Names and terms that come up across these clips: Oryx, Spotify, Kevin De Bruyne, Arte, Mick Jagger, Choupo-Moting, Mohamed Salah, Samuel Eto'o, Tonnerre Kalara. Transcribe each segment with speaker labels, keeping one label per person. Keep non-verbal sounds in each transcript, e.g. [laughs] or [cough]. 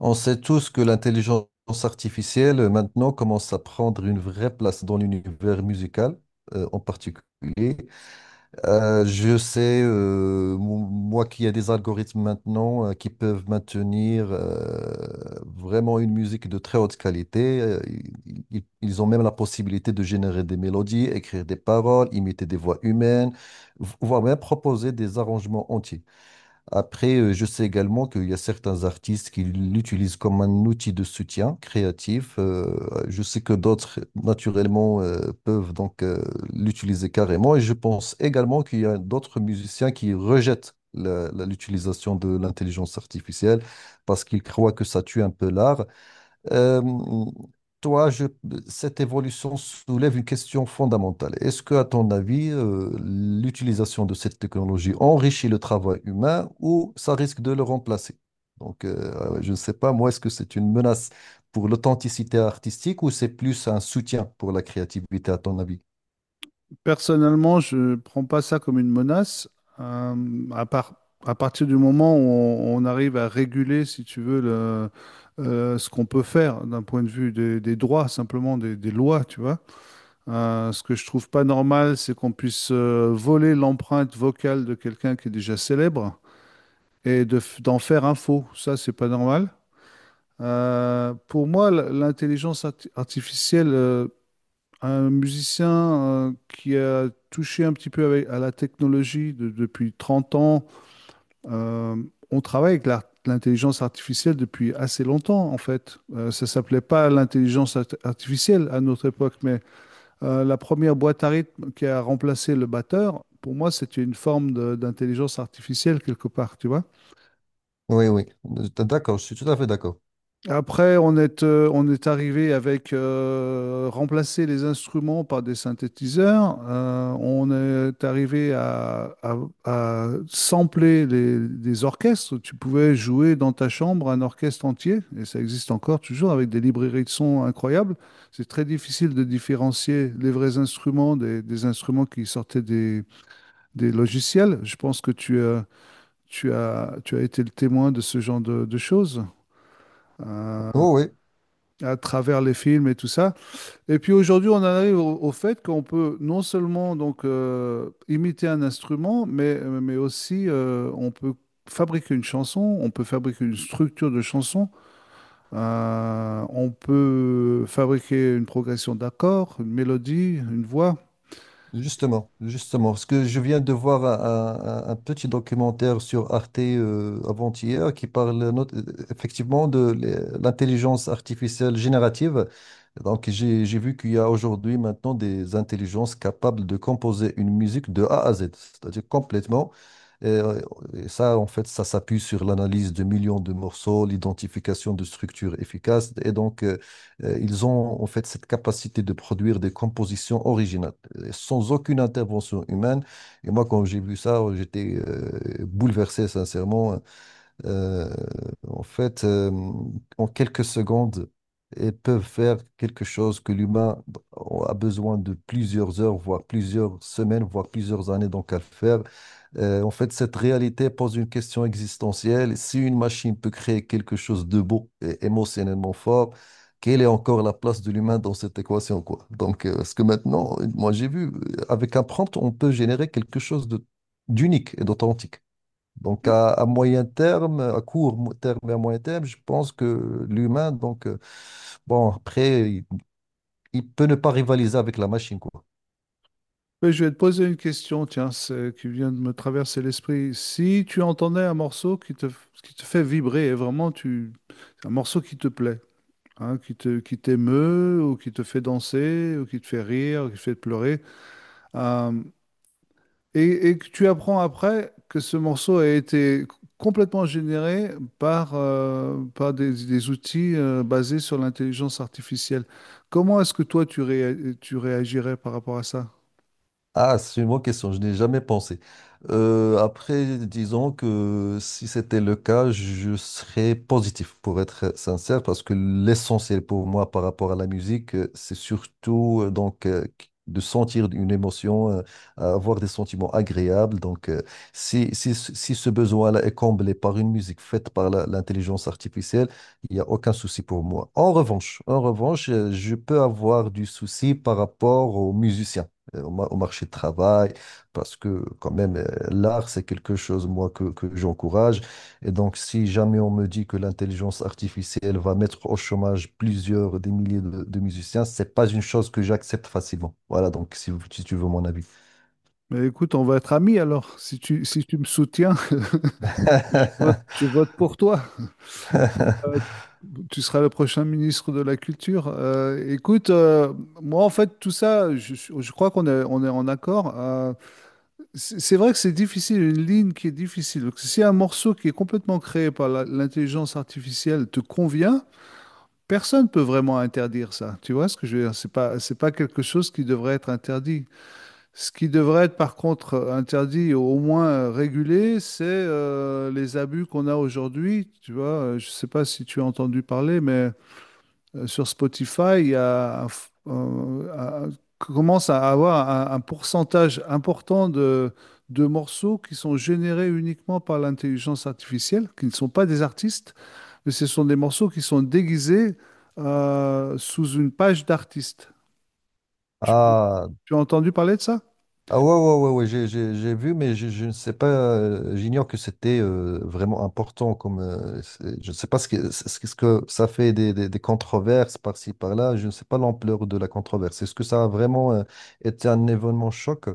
Speaker 1: On sait tous que l'intelligence artificielle maintenant commence à prendre une vraie place dans l'univers musical en particulier. Je sais, moi, qu'il y a des algorithmes maintenant qui peuvent maintenir vraiment une musique de très haute qualité. Ils ont même la possibilité de générer des mélodies, écrire des paroles, imiter des voix humaines, voire même proposer des arrangements entiers. Après, je sais également qu'il y a certains artistes qui l'utilisent comme un outil de soutien créatif. Je sais que d'autres, naturellement, peuvent donc l'utiliser carrément. Et je pense également qu'il y a d'autres musiciens qui rejettent l'utilisation de l'intelligence artificielle parce qu'ils croient que ça tue un peu l'art. Euh, toi, je- Cette évolution soulève une question fondamentale. Est-ce que, à ton avis, l'utilisation de cette technologie enrichit le travail humain ou ça risque de le remplacer? Donc, je ne sais pas, moi, est-ce que c'est une menace pour l'authenticité artistique ou c'est plus un soutien pour la créativité, à ton avis?
Speaker 2: Personnellement, je ne prends pas ça comme une menace. Euh, à part, à partir du moment où on arrive à réguler, si tu veux, ce qu'on peut faire d'un point de vue des droits, simplement des lois, tu vois. Ce que je trouve pas normal, c'est qu'on puisse voler l'empreinte vocale de quelqu'un qui est déjà célèbre et d'en faire un faux. Ça, c'est pas normal. Pour moi, l'intelligence artificielle, un musicien qui a touché un petit peu à la technologie depuis 30 ans. Euh, on travaille avec l'intelligence artificielle depuis assez longtemps, en fait. Ça s'appelait pas l'intelligence artificielle à notre époque, mais la première boîte à rythme qui a remplacé le batteur, pour moi, c'était une forme d'intelligence artificielle quelque part, tu vois.
Speaker 1: Oui, oui, d'accord, je suis tout à fait d'accord.
Speaker 2: Après, on est arrivé avec remplacer les instruments par des synthétiseurs. On est arrivé à sampler des orchestres. Tu pouvais jouer dans ta chambre un orchestre entier, et ça existe encore toujours avec des librairies de sons incroyables. C'est très difficile de différencier les vrais instruments des instruments qui sortaient des logiciels. Je pense que tu as été le témoin de ce genre de choses. Euh,
Speaker 1: Oh, oui.
Speaker 2: à travers les films et tout ça. Et puis aujourd'hui, on en arrive au fait qu'on peut non seulement donc imiter un instrument, mais aussi on peut fabriquer une chanson, on peut fabriquer une structure de chanson, on peut fabriquer une progression d'accords, une mélodie, une voix.
Speaker 1: Justement, justement, parce que je viens de voir un petit documentaire sur Arte avant-hier qui parle effectivement de l'intelligence artificielle générative. Donc, j'ai vu qu'il y a aujourd'hui maintenant des intelligences capables de composer une musique de A à Z, c'est-à-dire complètement. Et, euh, et ça, en fait, ça s'appuie sur l'analyse de millions de morceaux, l'identification de structures efficaces. Et donc, ils ont en fait cette capacité de produire des compositions originales, sans aucune intervention humaine. Et moi, quand j'ai vu ça, j'étais bouleversé, sincèrement. Euh, en fait, euh, En quelques secondes, ils peuvent faire quelque chose que l'humain a besoin de plusieurs heures, voire plusieurs semaines, voire plusieurs années donc à le faire. En fait, cette réalité pose une question existentielle. Si une machine peut créer quelque chose de beau et émotionnellement fort, quelle est encore la place de l'humain dans cette équation, quoi? Donc, parce que maintenant, moi, j'ai vu, avec un prompt, on peut générer quelque chose de, d'unique et d'authentique. Donc, à moyen terme, à court mo- terme et à moyen terme, je pense que l'humain, donc, bon, après, il peut ne pas rivaliser avec la machine, quoi.
Speaker 2: Mais je vais te poser une question, tiens, qui vient de me traverser l'esprit. Si tu entendais un morceau qui te fait vibrer, et vraiment un morceau qui te plaît, hein, qui t'émeut ou qui te fait danser ou qui te fait rire, ou qui te fait pleurer. euh, et que tu apprends après que ce morceau a été complètement généré par, par des outils basés sur l'intelligence artificielle. Comment est-ce que toi, tu réagirais par rapport à ça?
Speaker 1: Ah, c'est une bonne question, je n'ai jamais pensé. Après, disons que si c'était le cas, je serais positif, pour être sincère, parce que l'essentiel pour moi par rapport à la musique, c'est surtout de sentir une émotion, avoir des sentiments agréables. Donc, si ce besoin-là est comblé par une musique faite par l'intelligence artificielle, il n'y a aucun souci pour moi. En revanche, je peux avoir du souci par rapport aux musiciens au marché de travail, parce que quand même, l'art, c'est quelque chose, moi, que j'encourage. Et donc, si jamais on me dit que l'intelligence artificielle va mettre au chômage plusieurs des milliers de musiciens, c'est pas une chose que j'accepte facilement. Voilà, donc, si tu veux mon avis.
Speaker 2: Mais écoute, on va être amis alors. Si tu me soutiens, [laughs] je
Speaker 1: [laughs]
Speaker 2: vote pour toi. Euh, Tu seras le prochain ministre de la Culture. Écoute, moi, en fait, tout ça, je crois qu'on est en accord. C'est vrai que c'est difficile, une ligne qui est difficile. Donc, si un morceau qui est complètement créé par l'intelligence artificielle te convient, personne ne peut vraiment interdire ça. Tu vois ce que je veux dire? C'est pas quelque chose qui devrait être interdit. Ce qui devrait être, par contre, interdit, ou au moins régulé, c'est les abus qu'on a aujourd'hui. Tu vois. Je sais pas si tu as entendu parler, mais sur Spotify, il y a, à- commence à avoir un pourcentage important de morceaux qui sont générés uniquement par l'intelligence artificielle, qui ne sont pas des artistes, mais ce sont des morceaux qui sont déguisés sous une page d'artiste. Tu,
Speaker 1: Ah,
Speaker 2: Tu as entendu parler de ça?
Speaker 1: ah ouais, ouais, ouais, ouais, j'ai vu, mais je ne sais pas, j'ignore que c'était vraiment important comme, je ne sais pas ce que, ce que ça fait des, des controverses par-ci, par-là, je ne sais pas l'ampleur de la controverse. Est-ce que ça a vraiment été un événement choc,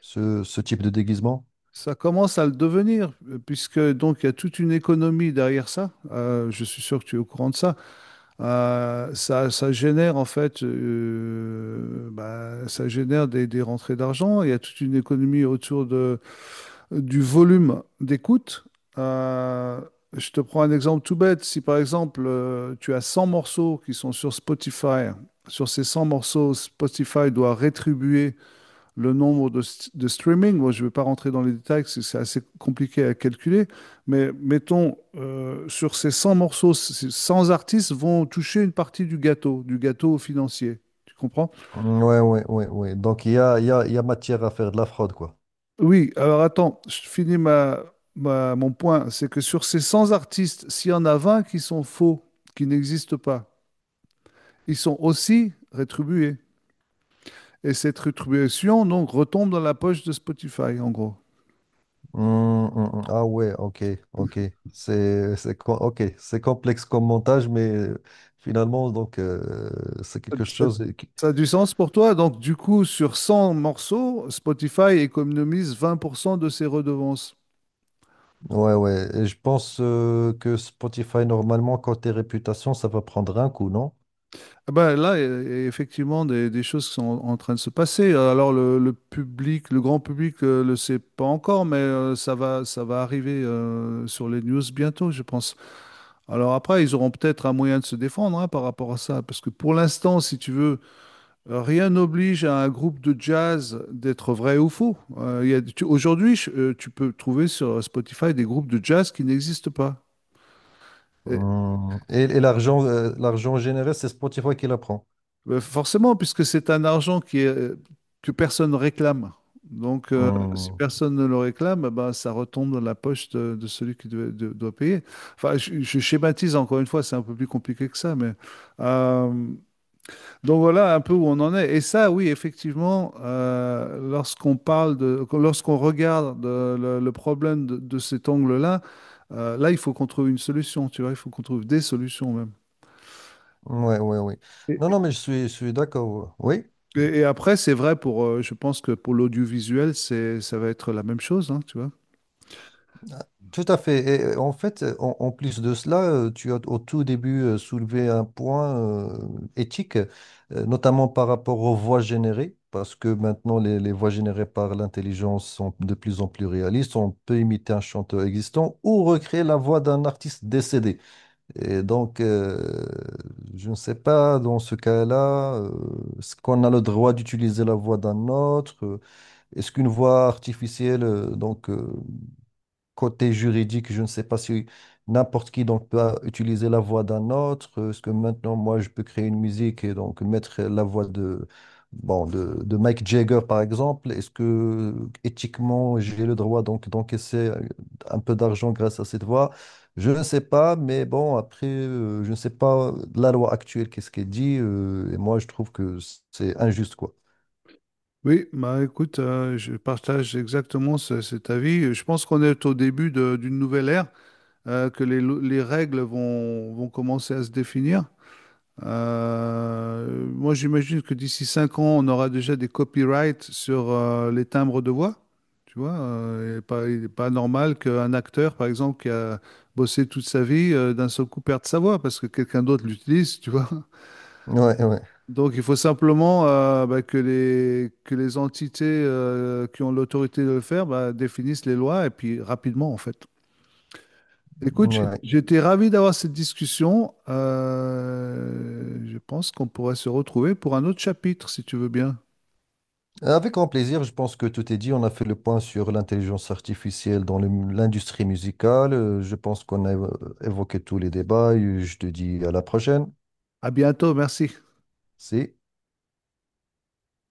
Speaker 1: ce type de déguisement?
Speaker 2: Ça commence à le devenir, puisque donc il y a toute une économie derrière ça. Je suis sûr que tu es au courant de ça. Ça génère en fait, bah, ça génère des rentrées d'argent. Il y a toute une économie autour de, du volume d'écoute. Euh, je te prends un exemple tout bête. Si par exemple tu as 100 morceaux qui sont sur Spotify, sur ces 100 morceaux, Spotify doit rétribuer le nombre de streaming. Moi, je ne vais pas rentrer dans les détails, parce que c'est assez compliqué à calculer. Mais mettons, sur ces 100 morceaux, 100 artistes vont toucher une partie du gâteau financier. Tu comprends?
Speaker 1: Ouais, ouais, ouais, ouais. Donc il y a matière à faire de la fraude, quoi.
Speaker 2: Oui, alors attends, je finis ma, ma- mon point. C'est que sur ces 100 artistes, s'il y en a 20 qui sont faux, qui n'existent pas, ils sont aussi rétribués. Et cette rétribution, donc, retombe dans la poche de Spotify, en gros.
Speaker 1: Ah ouais, ok, ok. Ok, c'est complexe comme montage, mais finalement, donc, c'est quelque
Speaker 2: Ça
Speaker 1: chose
Speaker 2: ça a du sens pour toi. Donc, du coup, sur 100 morceaux, Spotify économise 20% de ses redevances.
Speaker 1: ouais, ouais. Et je pense que Spotify, normalement, côté réputation, ça va prendre un coup, non?
Speaker 2: Ah Ben là, il y a effectivement des choses qui sont en train de se passer. Alors, le public, le grand public, ne le sait pas encore, mais ça va arriver sur les news bientôt, je pense. Alors après, ils auront peut-être un moyen de se défendre, hein, par rapport à ça, parce que pour l'instant, si tu veux, rien n'oblige à un groupe de jazz d'être vrai ou faux. Il y a- tu- Aujourd'hui, tu peux trouver sur Spotify des groupes de jazz qui n'existent pas. Et,
Speaker 1: Hum. Et l'argent, l'argent généré, c'est Spotify qui la prend.
Speaker 2: forcément, puisque c'est un argent que personne ne réclame. Donc, si
Speaker 1: Hum.
Speaker 2: personne ne le réclame, bah, ça retombe dans la poche de celui qui doit payer. Enfin, je schématise encore une fois, c'est un peu plus compliqué que ça, mais euh, donc voilà un peu où on en est. Et ça, oui, effectivement, lorsqu'on parle de, lorsqu'on regarde le problème de cet angle-là, là, il faut qu'on trouve une solution, tu vois, il faut qu'on trouve des solutions même.
Speaker 1: Ouais, ouais, oui.
Speaker 2: Et,
Speaker 1: Non, non, mais je suis d'accord. Ouais. Oui?
Speaker 2: et après, c'est vrai pour, je pense que pour l'audiovisuel, ça va être la même chose, hein, tu vois.
Speaker 1: Tout à fait. Et en fait, en plus de cela, tu as au tout début soulevé un point éthique, notamment par rapport aux voix générées, parce que maintenant les voix générées par l'intelligence sont de plus en plus réalistes. On peut imiter un chanteur existant ou recréer la voix d'un artiste décédé. Et donc, je ne sais pas dans ce cas-là, est-ce qu'on a le droit d'utiliser la voix d'un autre? Est-ce qu'une voix artificielle, côté juridique, je ne sais pas si n'importe qui donc peut utiliser la voix d'un autre. Est-ce que maintenant, moi, je peux créer une musique et donc mettre la voix de, bon, de Mick Jagger, par exemple? Est-ce que éthiquement, j'ai le droit donc d'encaisser un peu d'argent grâce à cette voix? Je ne sais pas, mais bon, après, je ne sais pas la loi actuelle, qu'est-ce qu'elle dit, et moi, je trouve que c'est injuste, quoi.
Speaker 2: Oui, bah écoute, je partage exactement cet avis. Je pense qu'on est au début d'une nouvelle ère, que les règles vont commencer à se définir. Moi, j'imagine que d'ici 5 ans, on aura déjà des copyrights sur les timbres de voix. Tu vois, il est pas normal qu'un acteur, par exemple, qui a bossé toute sa vie, d'un seul coup perde sa voix parce que quelqu'un d'autre l'utilise, tu vois.
Speaker 1: Ouais, ouais,
Speaker 2: Donc, il faut simplement que les entités qui ont l'autorité de le faire, bah, définissent les lois et puis rapidement, en fait. Écoute,
Speaker 1: ouais.
Speaker 2: j'étais ravi d'avoir cette discussion. Je pense qu'on pourrait se retrouver pour un autre chapitre, si tu veux bien.
Speaker 1: Avec grand plaisir, je pense que tout est dit. On a fait le point sur l'intelligence artificielle dans l'industrie musicale. Je pense qu'on a évoqué tous les débats. Et je te dis à la prochaine.
Speaker 2: À bientôt, merci.
Speaker 1: Si.